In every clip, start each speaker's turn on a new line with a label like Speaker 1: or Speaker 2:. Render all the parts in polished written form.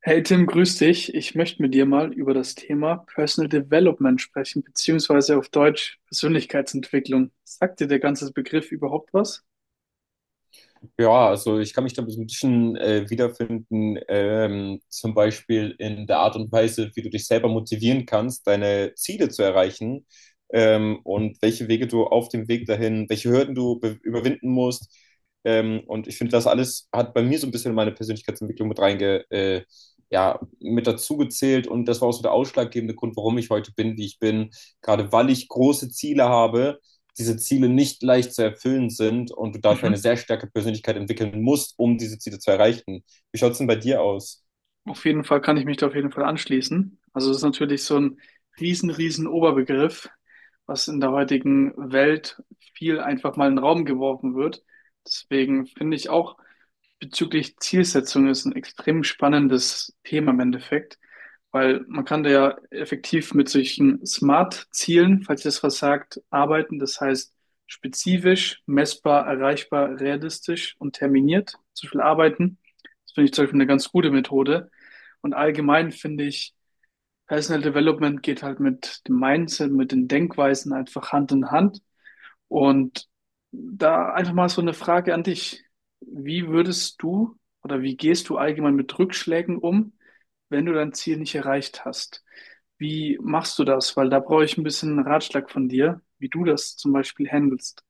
Speaker 1: Hey Tim, grüß dich. Ich möchte mit dir mal über das Thema Personal Development sprechen, beziehungsweise auf Deutsch Persönlichkeitsentwicklung. Sagt dir der ganze Begriff überhaupt was?
Speaker 2: Ja, also ich kann mich da so ein bisschen wiederfinden, zum Beispiel in der Art und Weise, wie du dich selber motivieren kannst, deine Ziele zu erreichen, und welche Wege du auf dem Weg dahin, welche Hürden du überwinden musst. Und ich finde, das alles hat bei mir so ein bisschen meine Persönlichkeitsentwicklung ja, mit dazu gezählt. Und das war auch so der ausschlaggebende Grund, warum ich heute bin, wie ich bin, gerade weil ich große Ziele habe, diese Ziele nicht leicht zu erfüllen sind und du dafür eine
Speaker 1: Mhm.
Speaker 2: sehr starke Persönlichkeit entwickeln musst, um diese Ziele zu erreichen. Wie schaut es denn bei dir aus?
Speaker 1: Auf jeden Fall kann ich mich da auf jeden Fall anschließen. Also es ist natürlich so ein riesen, riesen Oberbegriff, was in der heutigen Welt viel einfach mal in den Raum geworfen wird. Deswegen finde ich auch, bezüglich Zielsetzung ist ein extrem spannendes Thema im Endeffekt, weil man kann da ja effektiv mit solchen Smart-Zielen, falls ihr das was sagt, arbeiten. Das heißt spezifisch, messbar, erreichbar, realistisch und terminiert. Zum Beispiel arbeiten. Das finde ich zum Beispiel eine ganz gute Methode. Und allgemein finde ich, Personal Development geht halt mit dem Mindset, mit den Denkweisen einfach Hand in Hand. Und da einfach mal so eine Frage an dich. Wie würdest du oder wie gehst du allgemein mit Rückschlägen um, wenn du dein Ziel nicht erreicht hast? Wie machst du das? Weil da brauche ich ein bisschen einen Ratschlag von dir, wie du das zum Beispiel handelst.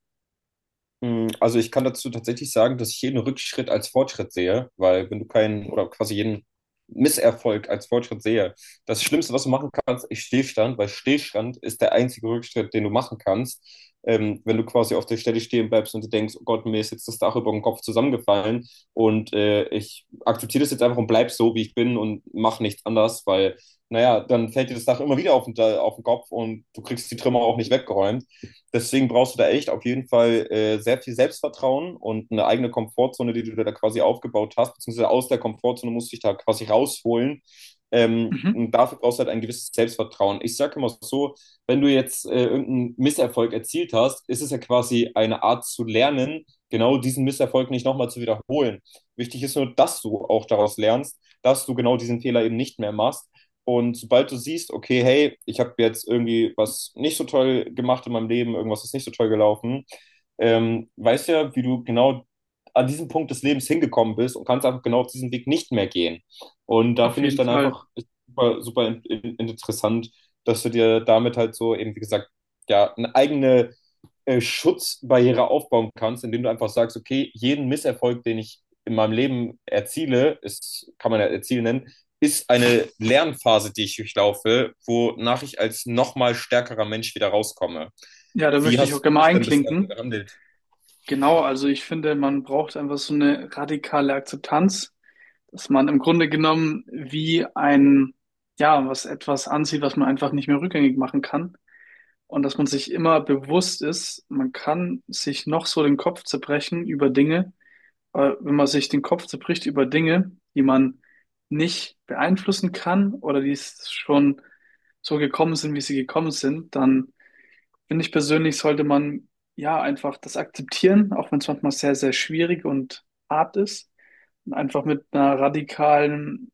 Speaker 2: Also ich kann dazu tatsächlich sagen, dass ich jeden Rückschritt als Fortschritt sehe, weil wenn du keinen oder quasi jeden Misserfolg als Fortschritt sehe, das Schlimmste, was du machen kannst, ist Stillstand, weil Stillstand ist der einzige Rückschritt, den du machen kannst. Wenn du quasi auf der Stelle stehen bleibst und du denkst, oh Gott, mir ist jetzt das Dach über dem Kopf zusammengefallen und ich akzeptiere das jetzt einfach und bleib so, wie ich bin und mach nichts anders, weil, naja, dann fällt dir das Dach immer wieder auf den Kopf und du kriegst die Trümmer auch nicht weggeräumt. Deswegen brauchst du da echt auf jeden Fall sehr viel Selbstvertrauen und eine eigene Komfortzone, die du da quasi aufgebaut hast, beziehungsweise aus der Komfortzone musst du dich da quasi rausholen.
Speaker 1: Mhm,
Speaker 2: Und dafür brauchst du halt ein gewisses Selbstvertrauen. Ich sage immer so, wenn du jetzt irgendeinen Misserfolg erzielt hast, ist es ja quasi eine Art zu lernen, genau diesen Misserfolg nicht nochmal zu wiederholen. Wichtig ist nur, dass du auch daraus lernst, dass du genau diesen Fehler eben nicht mehr machst und sobald du siehst, okay, hey, ich habe jetzt irgendwie was nicht so toll gemacht in meinem Leben, irgendwas ist nicht so toll gelaufen, weißt ja, wie du genau an diesem Punkt des Lebens hingekommen bist und kannst einfach genau auf diesen Weg nicht mehr gehen. Und da
Speaker 1: auf
Speaker 2: finde ich
Speaker 1: jeden
Speaker 2: dann
Speaker 1: Fall.
Speaker 2: einfach super, super interessant, dass du dir damit halt so eben, wie gesagt, ja, eine eigene Schutzbarriere aufbauen kannst, indem du einfach sagst, okay, jeden Misserfolg, den ich in meinem Leben erziele, ist, kann man ja erzielen nennen, ist eine Lernphase, die ich durchlaufe, wonach ich als nochmal stärkerer Mensch wieder rauskomme.
Speaker 1: Ja, da
Speaker 2: Wie
Speaker 1: möchte ich auch
Speaker 2: hast
Speaker 1: gerne
Speaker 2: du
Speaker 1: mal
Speaker 2: es denn bislang
Speaker 1: einklinken.
Speaker 2: gehandelt?
Speaker 1: Genau, also ich finde, man braucht einfach so eine radikale Akzeptanz, dass man im Grunde genommen wie ein, ja, was etwas ansieht, was man einfach nicht mehr rückgängig machen kann. Und dass man sich immer bewusst ist, man kann sich noch so den Kopf zerbrechen über Dinge, aber wenn man sich den Kopf zerbricht über Dinge, die man nicht beeinflussen kann oder die es schon so gekommen sind, wie sie gekommen sind, dann finde ich persönlich, sollte man ja einfach das akzeptieren, auch wenn es manchmal sehr, sehr schwierig und hart ist. Und einfach mit einer radikalen,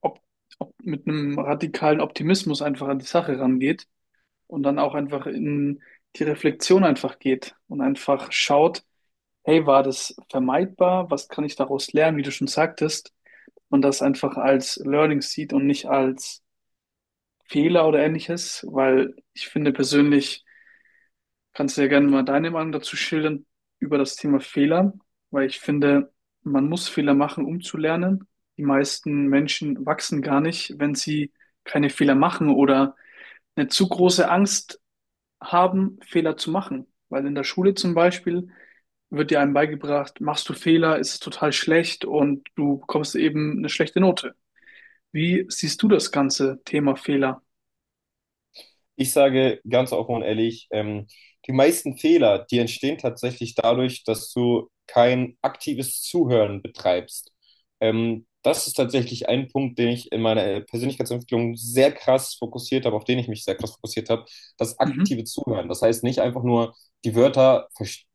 Speaker 1: Op- mit einem radikalen Optimismus einfach an die Sache rangeht und dann auch einfach in die Reflexion einfach geht und einfach schaut, hey, war das vermeidbar? Was kann ich daraus lernen, wie du schon sagtest? Und das einfach als Learning sieht und nicht als Fehler oder ähnliches, weil ich finde persönlich, kannst du ja gerne mal deine Meinung dazu schildern über das Thema Fehler, weil ich finde, man muss Fehler machen, um zu lernen. Die meisten Menschen wachsen gar nicht, wenn sie keine Fehler machen oder eine zu große Angst haben, Fehler zu machen. Weil in der Schule zum Beispiel wird dir einem beigebracht, machst du Fehler, ist es total schlecht und du bekommst eben eine schlechte Note. Wie siehst du das ganze Thema Fehler?
Speaker 2: Ich sage ganz offen und ehrlich, die meisten Fehler, die entstehen tatsächlich dadurch, dass du kein aktives Zuhören betreibst. Das ist tatsächlich ein Punkt, den ich in meiner Persönlichkeitsentwicklung sehr krass fokussiert habe, auf den ich mich sehr krass fokussiert habe, das
Speaker 1: Mhm.
Speaker 2: aktive Zuhören. Das heißt nicht einfach nur die Wörter verstehen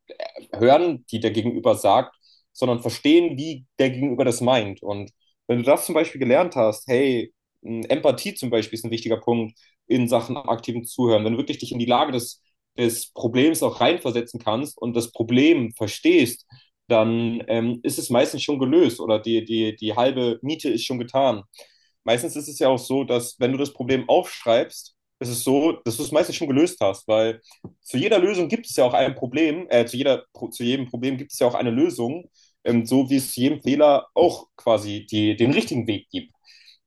Speaker 2: hören, die der Gegenüber sagt, sondern verstehen, wie der Gegenüber das meint. Und wenn du das zum Beispiel gelernt hast, hey, Empathie zum Beispiel ist ein wichtiger Punkt in Sachen aktiven Zuhören, wenn du wirklich dich in die Lage des, des Problems auch reinversetzen kannst und das Problem verstehst, dann ist es meistens schon gelöst oder die halbe Miete ist schon getan. Meistens ist es ja auch so, dass wenn du das Problem aufschreibst, ist es so, dass du es meistens schon gelöst hast, weil zu jeder Lösung gibt es ja auch ein Problem, zu jedem Problem gibt es ja auch eine Lösung, so wie es zu jedem Fehler auch quasi die, den richtigen Weg gibt.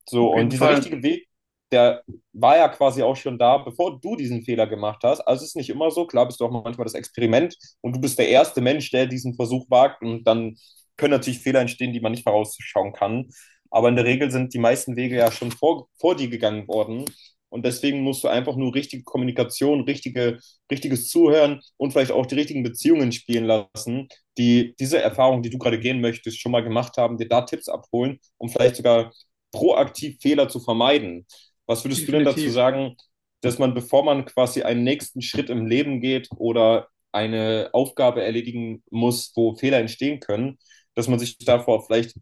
Speaker 2: So,
Speaker 1: Auf
Speaker 2: und
Speaker 1: jeden
Speaker 2: dieser
Speaker 1: Fall,
Speaker 2: richtige Weg, der war ja quasi auch schon da, bevor du diesen Fehler gemacht hast. Also es ist nicht immer so, klar bist du auch manchmal das Experiment und du bist der erste Mensch, der diesen Versuch wagt und dann können natürlich Fehler entstehen, die man nicht vorausschauen kann. Aber in der Regel sind die meisten Wege ja schon vor dir gegangen worden. Und deswegen musst du einfach nur richtige Kommunikation, richtiges Zuhören und vielleicht auch die richtigen Beziehungen spielen lassen, die diese Erfahrung, die du gerade gehen möchtest, schon mal gemacht haben, dir da Tipps abholen, um vielleicht sogar proaktiv Fehler zu vermeiden. Was würdest du denn dazu
Speaker 1: definitiv.
Speaker 2: sagen, dass man, bevor man quasi einen nächsten Schritt im Leben geht oder eine Aufgabe erledigen muss, wo Fehler entstehen können, dass man sich davor vielleicht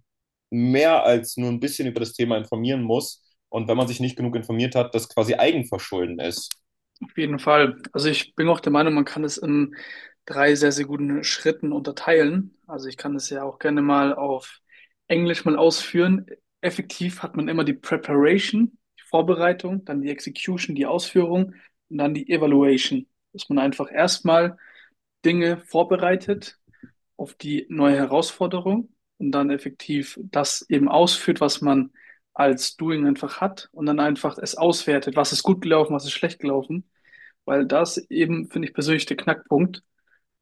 Speaker 2: mehr als nur ein bisschen über das Thema informieren muss und wenn man sich nicht genug informiert hat, das quasi Eigenverschulden ist?
Speaker 1: Auf jeden Fall. Also ich bin auch der Meinung, man kann es in drei sehr, sehr guten Schritten unterteilen. Also ich kann es ja auch gerne mal auf Englisch mal ausführen. Effektiv hat man immer die Preparation, die Vorbereitung, dann die Execution, die Ausführung und dann die Evaluation. Dass man einfach erstmal Dinge vorbereitet auf die neue Herausforderung und dann effektiv das eben ausführt, was man als Doing einfach hat und dann einfach es auswertet, was ist gut gelaufen, was ist schlecht gelaufen, weil das eben, finde ich persönlich, der Knackpunkt,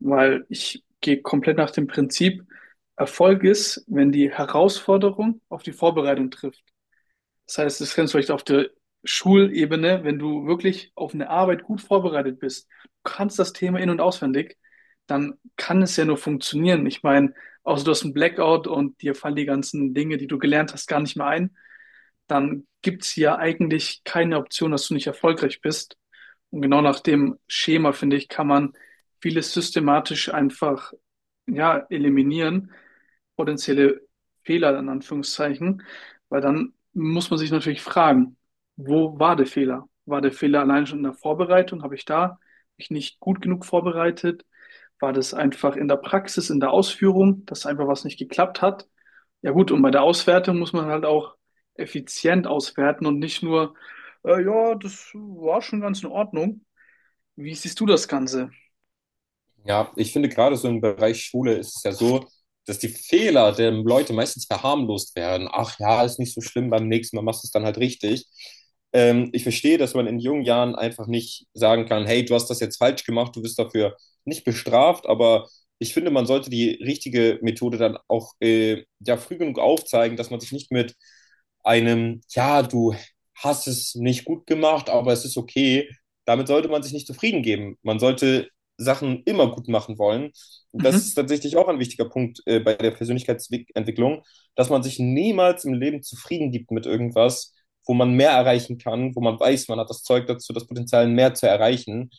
Speaker 1: weil ich gehe komplett nach dem Prinzip, Erfolg ist, wenn die Herausforderung auf die Vorbereitung trifft. Das heißt, das kannst du vielleicht auf der Schulebene, wenn du wirklich auf eine Arbeit gut vorbereitet bist, du kannst das Thema in- und auswendig, dann kann es ja nur funktionieren. Ich meine, außer du hast einen Blackout und dir fallen die ganzen Dinge, die du gelernt hast, gar nicht mehr ein, dann gibt's ja eigentlich keine Option, dass du nicht erfolgreich bist. Und genau nach dem Schema, finde ich, kann man vieles systematisch einfach, ja, eliminieren, potenzielle Fehler in Anführungszeichen, weil dann muss man sich natürlich fragen, wo war der Fehler? War der Fehler allein schon in der Vorbereitung? Habe ich da mich nicht gut genug vorbereitet? War das einfach in der Praxis, in der Ausführung, dass einfach was nicht geklappt hat? Ja gut, und bei der Auswertung muss man halt auch effizient auswerten und nicht nur, ja, das war schon ganz in Ordnung. Wie siehst du das Ganze?
Speaker 2: Ja, ich finde gerade so im Bereich Schule ist es ja so, dass die Fehler der Leute meistens verharmlost werden. Ach ja, ist nicht so schlimm, beim nächsten Mal machst du es dann halt richtig. Ich verstehe, dass man in jungen Jahren einfach nicht sagen kann, hey, du hast das jetzt falsch gemacht, du wirst dafür nicht bestraft, aber ich finde, man sollte die richtige Methode dann auch ja, früh genug aufzeigen, dass man sich nicht mit einem, ja, du hast es nicht gut gemacht, aber es ist okay, damit sollte man sich nicht zufrieden geben. Man sollte Sachen immer gut machen wollen. Das
Speaker 1: Mhm,
Speaker 2: ist tatsächlich auch ein wichtiger Punkt bei der Persönlichkeitsentwicklung, dass man sich niemals im Leben zufrieden gibt mit irgendwas, wo man mehr erreichen kann, wo man weiß, man hat das Zeug dazu, das Potenzial mehr zu erreichen.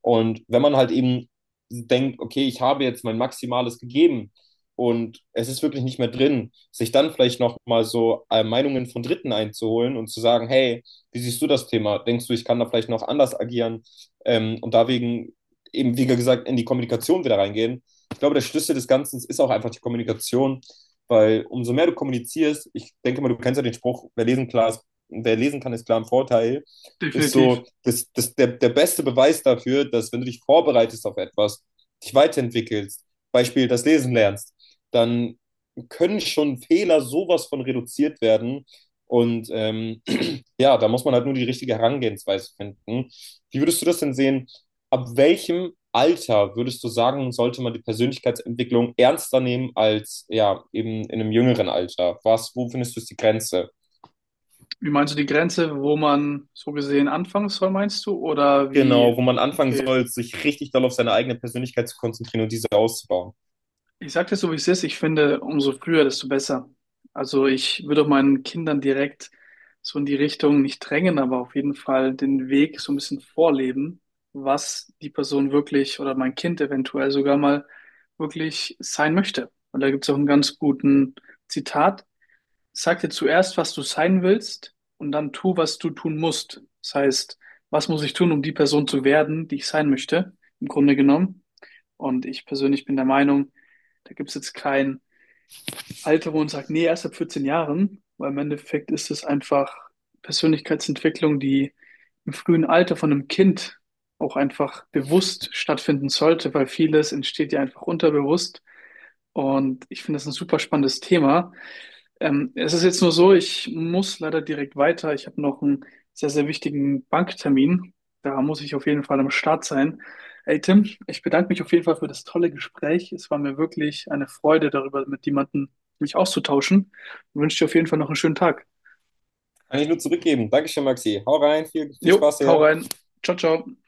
Speaker 2: Und wenn man halt eben denkt, okay, ich habe jetzt mein Maximales gegeben und es ist wirklich nicht mehr drin, sich dann vielleicht nochmal so Meinungen von Dritten einzuholen und zu sagen, hey, wie siehst du das Thema? Denkst du, ich kann da vielleicht noch anders agieren? Und deswegen eben, wie gesagt, in die Kommunikation wieder reingehen. Ich glaube, der Schlüssel des Ganzen ist auch einfach die Kommunikation, weil umso mehr du kommunizierst, ich denke mal, du kennst ja den Spruch, wer lesen kann, ist klar im Vorteil, ist
Speaker 1: definitiv.
Speaker 2: so der beste Beweis dafür, dass wenn du dich vorbereitest auf etwas, dich weiterentwickelst, Beispiel das Lesen lernst, dann können schon Fehler sowas von reduziert werden. Und ja, da muss man halt nur die richtige Herangehensweise finden. Wie würdest du das denn sehen? Ab welchem Alter würdest du sagen, sollte man die Persönlichkeitsentwicklung ernster nehmen als ja eben in einem jüngeren Alter? Was, wo findest du ist die Grenze?
Speaker 1: Wie meinst du die Grenze, wo man so gesehen anfangen soll, meinst du? Oder wie,
Speaker 2: Genau, wo man anfangen
Speaker 1: okay.
Speaker 2: soll, sich richtig doll auf seine eigene Persönlichkeit zu konzentrieren und diese auszubauen.
Speaker 1: Ich sage dir so, wie es ist. Ich finde, umso früher, desto besser. Also ich würde auch meinen Kindern direkt so in die Richtung nicht drängen, aber auf jeden Fall den Weg so ein bisschen vorleben, was die Person wirklich oder mein Kind eventuell sogar mal wirklich sein möchte. Und da gibt es auch einen ganz guten Zitat. Sag dir zuerst, was du sein willst und dann tu, was du tun musst. Das heißt, was muss ich tun, um die Person zu werden, die ich sein möchte, im Grunde genommen. Und ich persönlich bin der Meinung, da gibt es jetzt kein Alter, wo man sagt, nee, erst ab 14 Jahren, weil im Endeffekt ist es einfach Persönlichkeitsentwicklung, die im frühen Alter von einem Kind auch einfach bewusst stattfinden sollte, weil vieles entsteht ja einfach unterbewusst. Und ich finde das ein super spannendes Thema. Es ist jetzt nur so, ich muss leider direkt weiter. Ich habe noch einen sehr, sehr wichtigen Banktermin. Da muss ich auf jeden Fall am Start sein. Hey Tim, ich bedanke mich auf jeden Fall für das tolle Gespräch. Es war mir wirklich eine Freude, darüber mit jemandem mich auszutauschen. Ich wünsche dir auf jeden Fall noch einen schönen Tag.
Speaker 2: Kann ich nur zurückgeben. Dankeschön, Maxi. Hau rein, viel, viel
Speaker 1: Jo,
Speaker 2: Spaß
Speaker 1: hau
Speaker 2: hier.
Speaker 1: rein. Ciao, ciao.